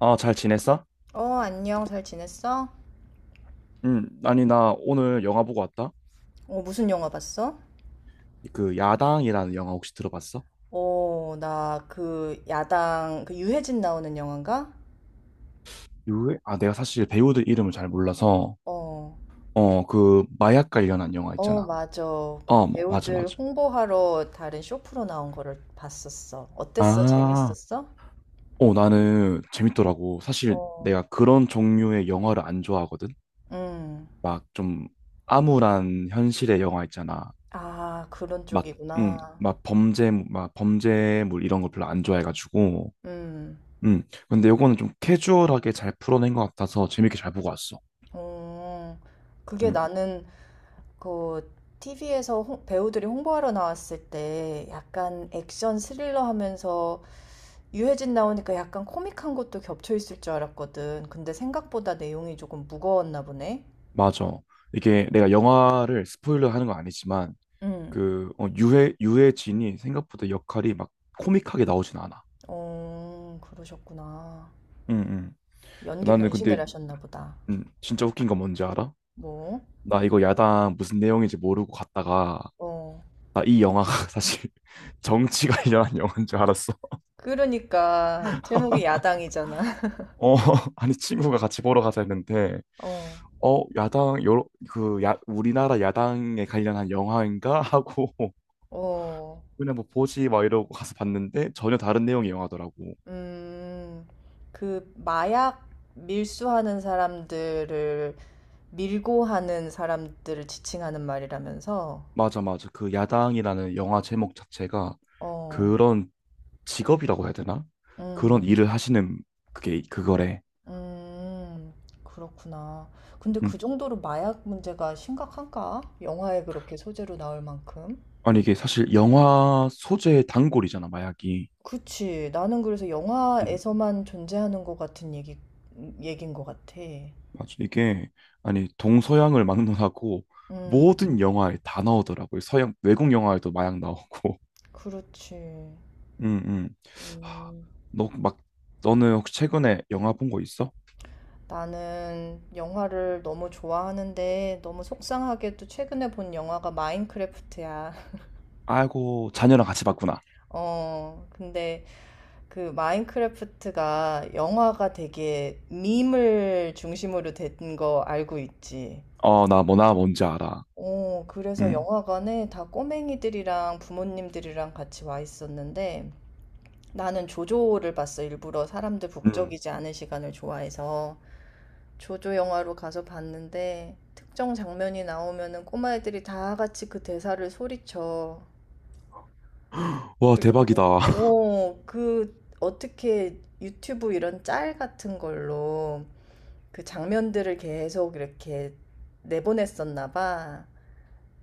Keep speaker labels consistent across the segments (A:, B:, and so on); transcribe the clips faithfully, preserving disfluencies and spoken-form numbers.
A: 아, 잘 지냈어?
B: 어, 안녕. 잘 지냈어?
A: 응, 아니, 나 오늘 영화 보고 왔다.
B: 어, 무슨 영화 봤어?
A: 그, 야당이라는 영화 혹시 들어봤어?
B: 어, 나 그 야당, 그 유해진 나오는 영화인가?
A: 유 아, 내가 사실 배우들 이름을 잘 몰라서,
B: 어,
A: 어, 그, 마약 관련한 영화
B: 어,
A: 있잖아.
B: 맞아. 그
A: 어, 뭐, 맞아,
B: 배우들
A: 맞아.
B: 홍보하러 다른 쇼프로 나온 거를 봤었어. 어땠어?
A: 아,
B: 재밌었어?
A: 어, 나는 재밌더라고. 사실
B: 어,
A: 내가 그런 종류의 영화를 안 좋아하거든?
B: 음.
A: 막 좀 암울한 현실의 영화 있잖아.
B: 아, 그런
A: 막, 응,
B: 쪽이구나.
A: 막 범죄, 막 범죄물 이런 거 별로 안 좋아해가지고.
B: 음,
A: 음. 근데 요거는 좀 캐주얼하게 잘 풀어낸 것 같아서 재밌게 잘 보고 왔어.
B: 어, 그게
A: 음.
B: 나는 그 티비 배우들이 홍보하러 나왔을 때 약간 액션 스릴러 하면서 유해진 나오니까 약간 코믹한 것도 겹쳐 있을 줄 알았거든. 근데 생각보다 내용이 조금 무거웠나 보네.
A: 맞아. 이게 내가 영화를 스포일러 하는 건 아니지만
B: 응.
A: 그 어, 유해 유해진이 생각보다 역할이 막 코믹하게 나오진 않아.
B: 어, 그러셨구나.
A: 음, 음.
B: 연기
A: 나는 근데
B: 변신을 하셨나 보다.
A: 음, 진짜 웃긴 건 뭔지 알아?
B: 뭐?
A: 나 이거 야당 무슨 내용인지 모르고 갔다가
B: 어.
A: 나 이 영화가 사실 정치 관련한 영화인 줄 알았어.
B: 그러니까 제목이 야당이잖아.
A: 어, 아니 친구가 같이 보러 가자 했는데
B: 어.
A: 어, 야당 여러 그 야, 우리나라 야당에 관련한 영화인가 하고
B: 어.
A: 그냥 뭐 보지 막 이러고 가서 봤는데 전혀 다른 내용의 영화더라고.
B: 음. 그 마약 밀수하는 사람들을 밀고 하는 사람들을 지칭하는 말이라면서.
A: 맞아, 맞아. 그 야당이라는 영화 제목 자체가
B: 어.
A: 그런 직업이라고 해야 되나? 그런
B: 음.
A: 일을 하시는 그게 그거래.
B: 음. 그렇구나. 근데
A: 음.
B: 그 정도로 마약 문제가 심각한가? 영화에 그렇게 소재로 나올 만큼.
A: 아니 이게 사실 영화 소재의 단골이잖아, 마약이.
B: 그치. 나는 그래서
A: 음.
B: 영화에서만 존재하는 것 같은 얘기, 얘긴 것 같아.
A: 맞아. 이게 아니 동서양을 막론하고
B: 음,
A: 모든 영화에 다 나오더라고요. 서양 외국 영화에도 마약 나오고.
B: 그렇지.
A: 음, 음. 하,
B: 음,
A: 너 막, 너는 혹시 최근에 영화 본 거 있어?
B: 나는 영화를 너무 좋아하는데 너무 속상하게도 최근에 본 영화가 마인크래프트야.
A: 아이고, 자녀랑 같이 봤구나.
B: 어, 근데 그 마인크래프트가 영화가 되게 밈을 중심으로 된 거 알고 있지.
A: 어, 나 뭐, 나 뭔지 알아.
B: 어, 그래서
A: 음.
B: 영화관에 다 꼬맹이들이랑 부모님들이랑 같이 와 있었는데 나는 조조를 봤어. 일부러 사람들
A: 음.
B: 북적이지 않은 시간을 좋아해서 조조 영화로 가서 봤는데 특정 장면이 나오면은 꼬마애들이 다 같이 그 대사를 소리쳐.
A: 와,
B: 그리고 막,
A: 대박이다.
B: 오, 그, 어떻게 유튜브 이런 짤 같은 걸로 그 장면들을 계속 이렇게 내보냈었나 봐.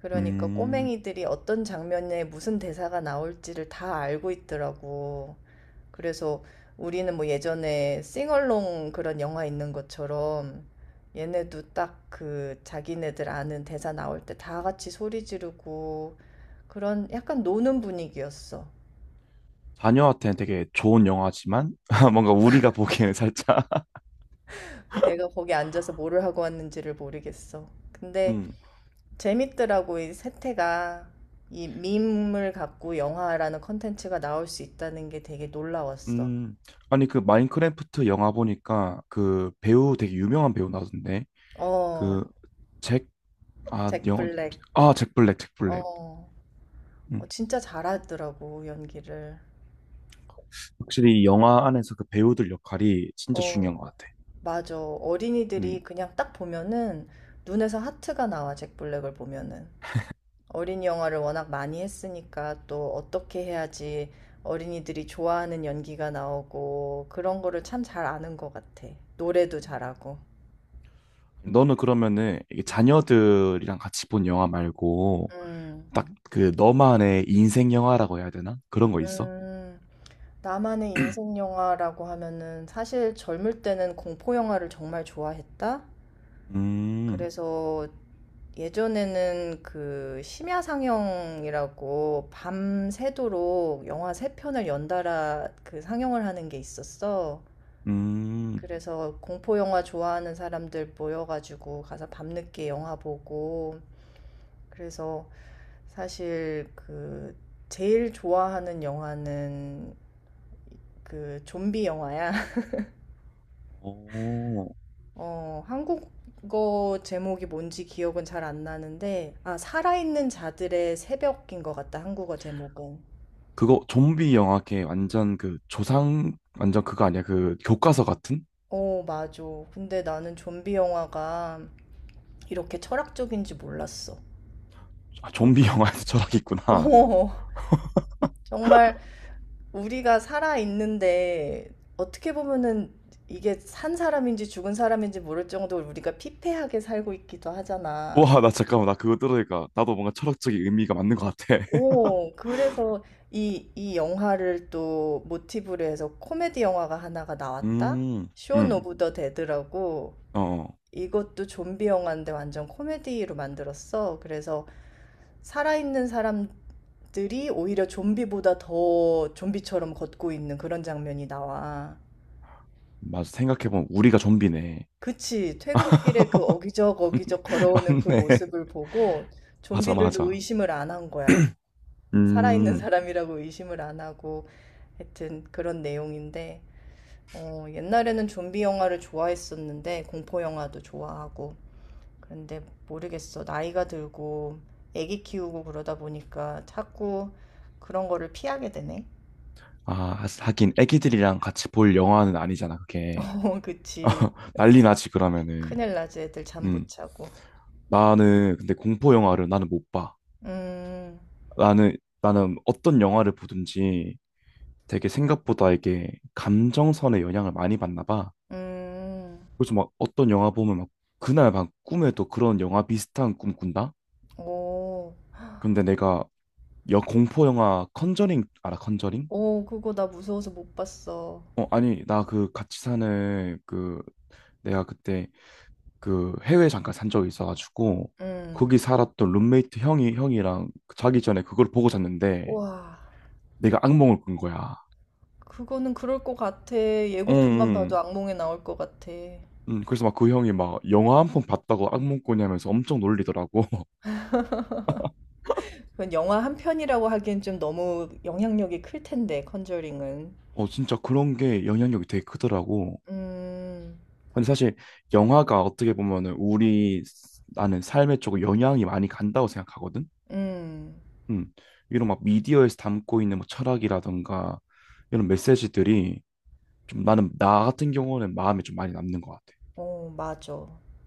B: 그러니까
A: 음,
B: 꼬맹이들이 어떤 장면에 무슨 대사가 나올지를 다 알고 있더라고. 그래서 우리는 뭐 예전에 싱얼롱 그런 영화 있는 것처럼 얘네도 딱 그 자기네들 아는 대사 나올 때 다 같이 소리 지르고 그런 약간 노는 분위기였어.
A: 자녀한테는 되게 좋은 영화지만, 뭔가 우리가 보기에는 살짝.
B: 내가 거기 앉아서 뭐를 하고 왔는지를 모르겠어. 근데
A: 음,
B: 재밌더라고, 이 세태가. 이 밈을 갖고 영화라는 컨텐츠가 나올 수 있다는 게 되게 놀라웠어.
A: 음. 아니, 그 마인크래프트 영화 보니까 그 배우 되게 유명한 배우 나오던데.
B: 어,
A: 그, 잭, 아,
B: 잭
A: 영,
B: 블랙.
A: 아, 잭 블랙, 잭 블랙.
B: 어, 어,
A: 음.
B: 진짜 잘하더라고, 연기를.
A: 확실히 이 영화 안에서 그 배우들 역할이 진짜 중요한
B: 어,
A: 것 같아.
B: 맞아. 어린이들이
A: 음.
B: 그냥 딱 보면은 눈에서 하트가 나와, 잭 블랙을 보면은. 어린이 영화를 워낙 많이 했으니까 또 어떻게 해야지 어린이들이 좋아하는 연기가 나오고 그런 거를 참 잘 아는 것 같아. 노래도
A: 음.
B: 잘하고.
A: 너는 그러면은 이게 자녀들이랑 같이 본 영화 말고
B: 음,
A: 딱 음. 그 너만의 인생 영화라고 해야 되나? 그런 거 있어?
B: 음, 나만의 인생 영화라고 하면은 사실 젊을 때는 공포 영화를 정말 좋아했다?
A: 음.
B: 그래서 예전에는 그 심야 상영이라고 밤새도록 영화 세 편을 연달아 그 상영을 하는 게 있었어.
A: 음.
B: 그래서 공포 영화 좋아하는 사람들 모여가지고 가서 밤늦게 영화 보고 그래서 사실 그 제일 좋아하는 영화는 그 좀비 영화야.
A: 오.
B: 어, 한국어 제목이 뭔지 기억은 잘 안 나는데 아, 살아있는 자들의 새벽인 것 같다. 한국어 제목은.
A: 그거 좀비 영화 걔 완전 그 조상 완전 그거 아니야? 그 교과서 같은?
B: 어, 맞아. 근데 나는 좀비 영화가 이렇게 철학적인지 몰랐어.
A: 아, 좀비 영화에서 철학이 있구나.
B: 어, 정말 우리가 살아있는데 어떻게 보면은 이게 산 사람인지 죽은 사람인지 모를 정도로 우리가 피폐하게 살고 있기도 하잖아.
A: 와, 나 잠깐만 나 그거 들으니까 나도 뭔가 철학적인 의미가 맞는 것 같아.
B: 오, 그래서 이, 이 영화를 또 모티브로 해서 코미디 영화가 하나가 나왔다?
A: 음.
B: 쇼
A: 음.
B: 오브 더 데드라고
A: 어.
B: 이것도 좀비 영화인데 완전 코미디로 만들었어. 그래서 살아있는 사람들이 오히려 좀비보다 더 좀비처럼 걷고 있는 그런 장면이 나와.
A: 맞아. 생각해보면 우리가 좀비네.
B: 그치. 퇴근길에 그 어기적 어기적 걸어오는 그
A: 맞네.
B: 모습을 보고
A: 맞아,
B: 좀비들도
A: 맞아.
B: 의심을 안 한 거야. 살아있는
A: 음.
B: 사람이라고 의심을 안 하고 하여튼 그런 내용인데 어, 옛날에는 좀비 영화를 좋아했었는데 공포 영화도 좋아하고 그런데 모르겠어. 나이가 들고 애기 키우고 그러다 보니까 자꾸 그런 거를 피하게 되네.
A: 아, 하긴 애기들이랑 같이 볼 영화는 아니잖아, 그게.
B: 어, 그치.
A: 난리 나지, 그러면은.
B: 큰일 나지. 애들 잠 못
A: 음.
B: 자고.
A: 나는 근데 공포 영화를 나는 못 봐.
B: 음,
A: 나는 나는 어떤 영화를 보든지 되게 생각보다 이게 감정선의 영향을 많이 받나 봐.
B: 음,
A: 그래서 막 어떤 영화 보면 막 그날 막 꿈에도 그런 영화 비슷한 꿈 꾼다?
B: 오.
A: 근데 내가 여 공포 영화 컨저링 알아? 컨저링?
B: 어 그거 나 무서워서 못 봤어.
A: 어, 아니, 나 그 같이 사는 그 내가 그때 그 해외 잠깐 산 적이 있어가지고
B: 음.
A: 거기 살았던 룸메이트 형이 형이랑 그 자기 전에 그걸 보고 잤는데
B: 와,
A: 내가 악몽을 꾼 거야.
B: 그거는 그럴 것 같아.
A: 응,
B: 예고편만 봐도
A: 응.
B: 악몽에 나올 것 같아.
A: 응, 그래서 막 그 형이 막 영화 한 편 봤다고 악몽 꾸냐면서 엄청 놀리더라고.
B: 그건 영화 한 편이라고 하기엔 좀 너무 영향력이 클 텐데, 컨저링은.
A: 어, 진짜 그런 게 영향력이 되게 크더라고.
B: 음.
A: 근데 사실 영화가 어떻게 보면은 우리 나는 삶에 조금 영향이 많이 간다고 생각하거든.
B: 음.
A: 음, 이런 막 미디어에서 담고 있는 뭐 철학이라든가 이런 메시지들이 좀 나는 나 같은 경우는 마음에 좀 많이 남는 것 같아.
B: 어, 맞아.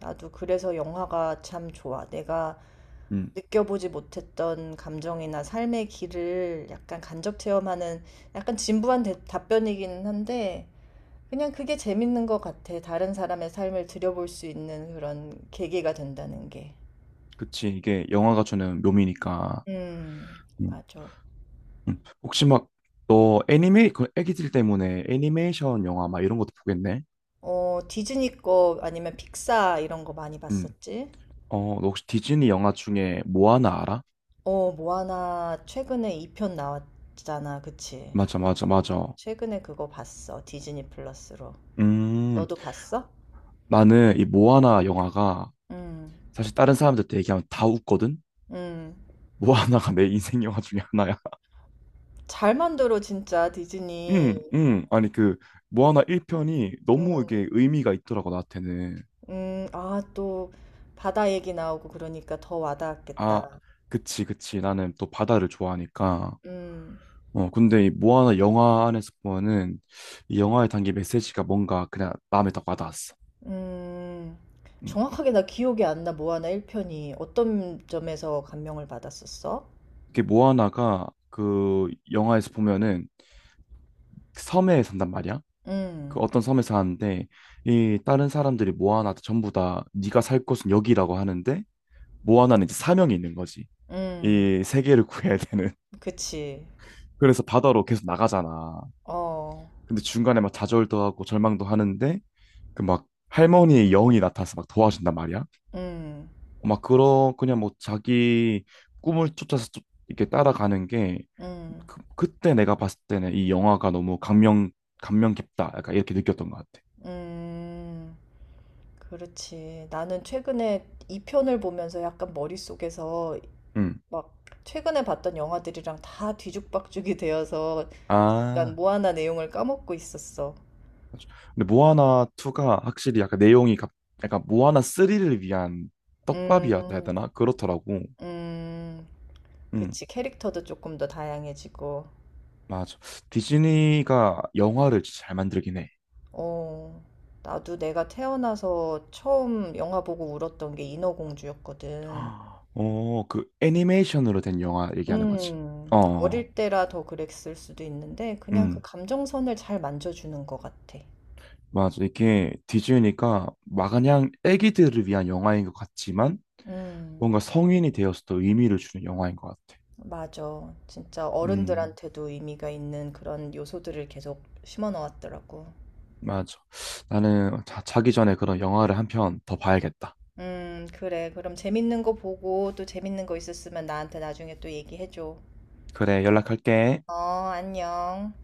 B: 나도 그래서 영화가 참 좋아. 내가
A: 음,
B: 느껴보지 못했던 감정이나 삶의 길을 약간 간접 체험하는 약간 진부한 대- 답변이기는 한데, 그냥 그게 재밌는 것 같아. 다른 사람의 삶을 들여볼 수 있는 그런 계기가 된다는 게.
A: 그치. 이게 영화가 주는 묘미니까.
B: 음,
A: 음.
B: 맞아.
A: 음, 혹시 막 너 애니메이 그 애기들 때문에 애니메이션 영화 막 이런 것도 보겠네.
B: 어, 디즈니 거 아니면 픽사 이런 거 많이
A: 음,
B: 봤었지?
A: 어, 너 혹시 디즈니 영화 중에 모아나 알아?
B: 어, 모아나 최근에 이 편 나왔잖아. 그치?
A: 맞아, 맞아, 맞아.
B: 최근에 그거 봤어. 디즈니 플러스로.
A: 음,
B: 너도 봤어?
A: 나는 이 모아나 영화가
B: 음,
A: 사실 다른 사람들한테 얘기하면 다 웃거든.
B: 음.
A: 모아나가 내 인생 영화 중에 하나야.
B: 잘 만들어, 진짜,
A: 응,
B: 디즈니.
A: 응. 아니 그 모아나 일 편이
B: 음,
A: 너무 이게 의미가 있더라고 나한테는.
B: 음. 아, 또 바다 얘기 나오고 그러니까 더
A: 아,
B: 와닿았겠다.
A: 그치, 그치. 나는 또 바다를 좋아하니까.
B: 음.
A: 어, 근데 이 모아나 영화 안에서 보면은 이 영화에 담긴 메시지가 뭔가 그냥 마음에 딱 와닿았어.
B: 음.
A: 음.
B: 정확하게 나 기억이 안 나. 모아나 일 편이 어떤 점에서 감명을 받았었어?
A: 이게 모아나가 그 영화에서 보면은 그 섬에 산단 말이야. 그
B: 음.
A: 어떤 섬에 사는데 이 다른 사람들이 모아나한테 전부 다 네가 살 곳은 여기라고 하는데 모아나는 이제 사명이 있는 거지.
B: 음.
A: 이 세계를 구해야 되는.
B: 그치.
A: 그래서 바다로 계속 나가잖아.
B: 어.
A: 근데 중간에 막 좌절도 하고 절망도 하는데 그 막 할머니의 영이 나타나서 막 도와준단 말이야.
B: 음.
A: 어, 막 그런 그냥 뭐 자기 꿈을 쫓아서 쫓- 이렇게 따라가는 게
B: 음.
A: 그, 그때 내가 봤을 때는 이 영화가 너무 감명 감명 깊다. 약간 이렇게 느꼈던 것 같아.
B: 음. 그렇지. 나는 최근에 이 편을 보면서 약간 머릿속에서
A: 음
B: 막 최근에 봤던 영화들이랑 다 뒤죽박죽이 되어서 약간
A: 아.
B: 모아나 내용을 까먹고 있었어.
A: 맞아. 근데 모아나 이가 확실히 약간 내용이 갑- 약간 모아나 삼을 위한 떡밥이었다 해야
B: 음.
A: 되나? 그렇더라고.
B: 음.
A: 음.
B: 그치. 캐릭터도 조금 더 다양해지고.
A: 맞아. 디즈니가 영화를 진짜 잘 만들긴 해.
B: 어, 나도 내가 태어나서 처음 영화 보고 울었던 게 인어공주였거든.
A: 어, 그 애니메이션으로 된 영화 얘기하는 거지.
B: 음,
A: 어, 어, 어.
B: 어릴 때라 더 그랬을 수도 있는데, 그냥 그
A: 음,
B: 감정선을 잘 만져주는 것 같아.
A: 맞아. 이게 디즈니가 마냥 애기들을 위한 영화인 것 같지만
B: 음,
A: 뭔가 성인이 되어서도 의미를 주는 영화인 것 같아.
B: 맞아. 진짜
A: 음,
B: 어른들한테도 의미가 있는 그런 요소들을 계속 심어 넣었더라고.
A: 맞아. 나는 자, 자기 전에 그런 영화를 한 편 더 봐야겠다.
B: 음, 그래. 그럼 재밌는 거 보고 또 재밌는 거 있었으면 나한테 나중에 또 얘기해줘.
A: 그래, 연락할게.
B: 어, 안녕.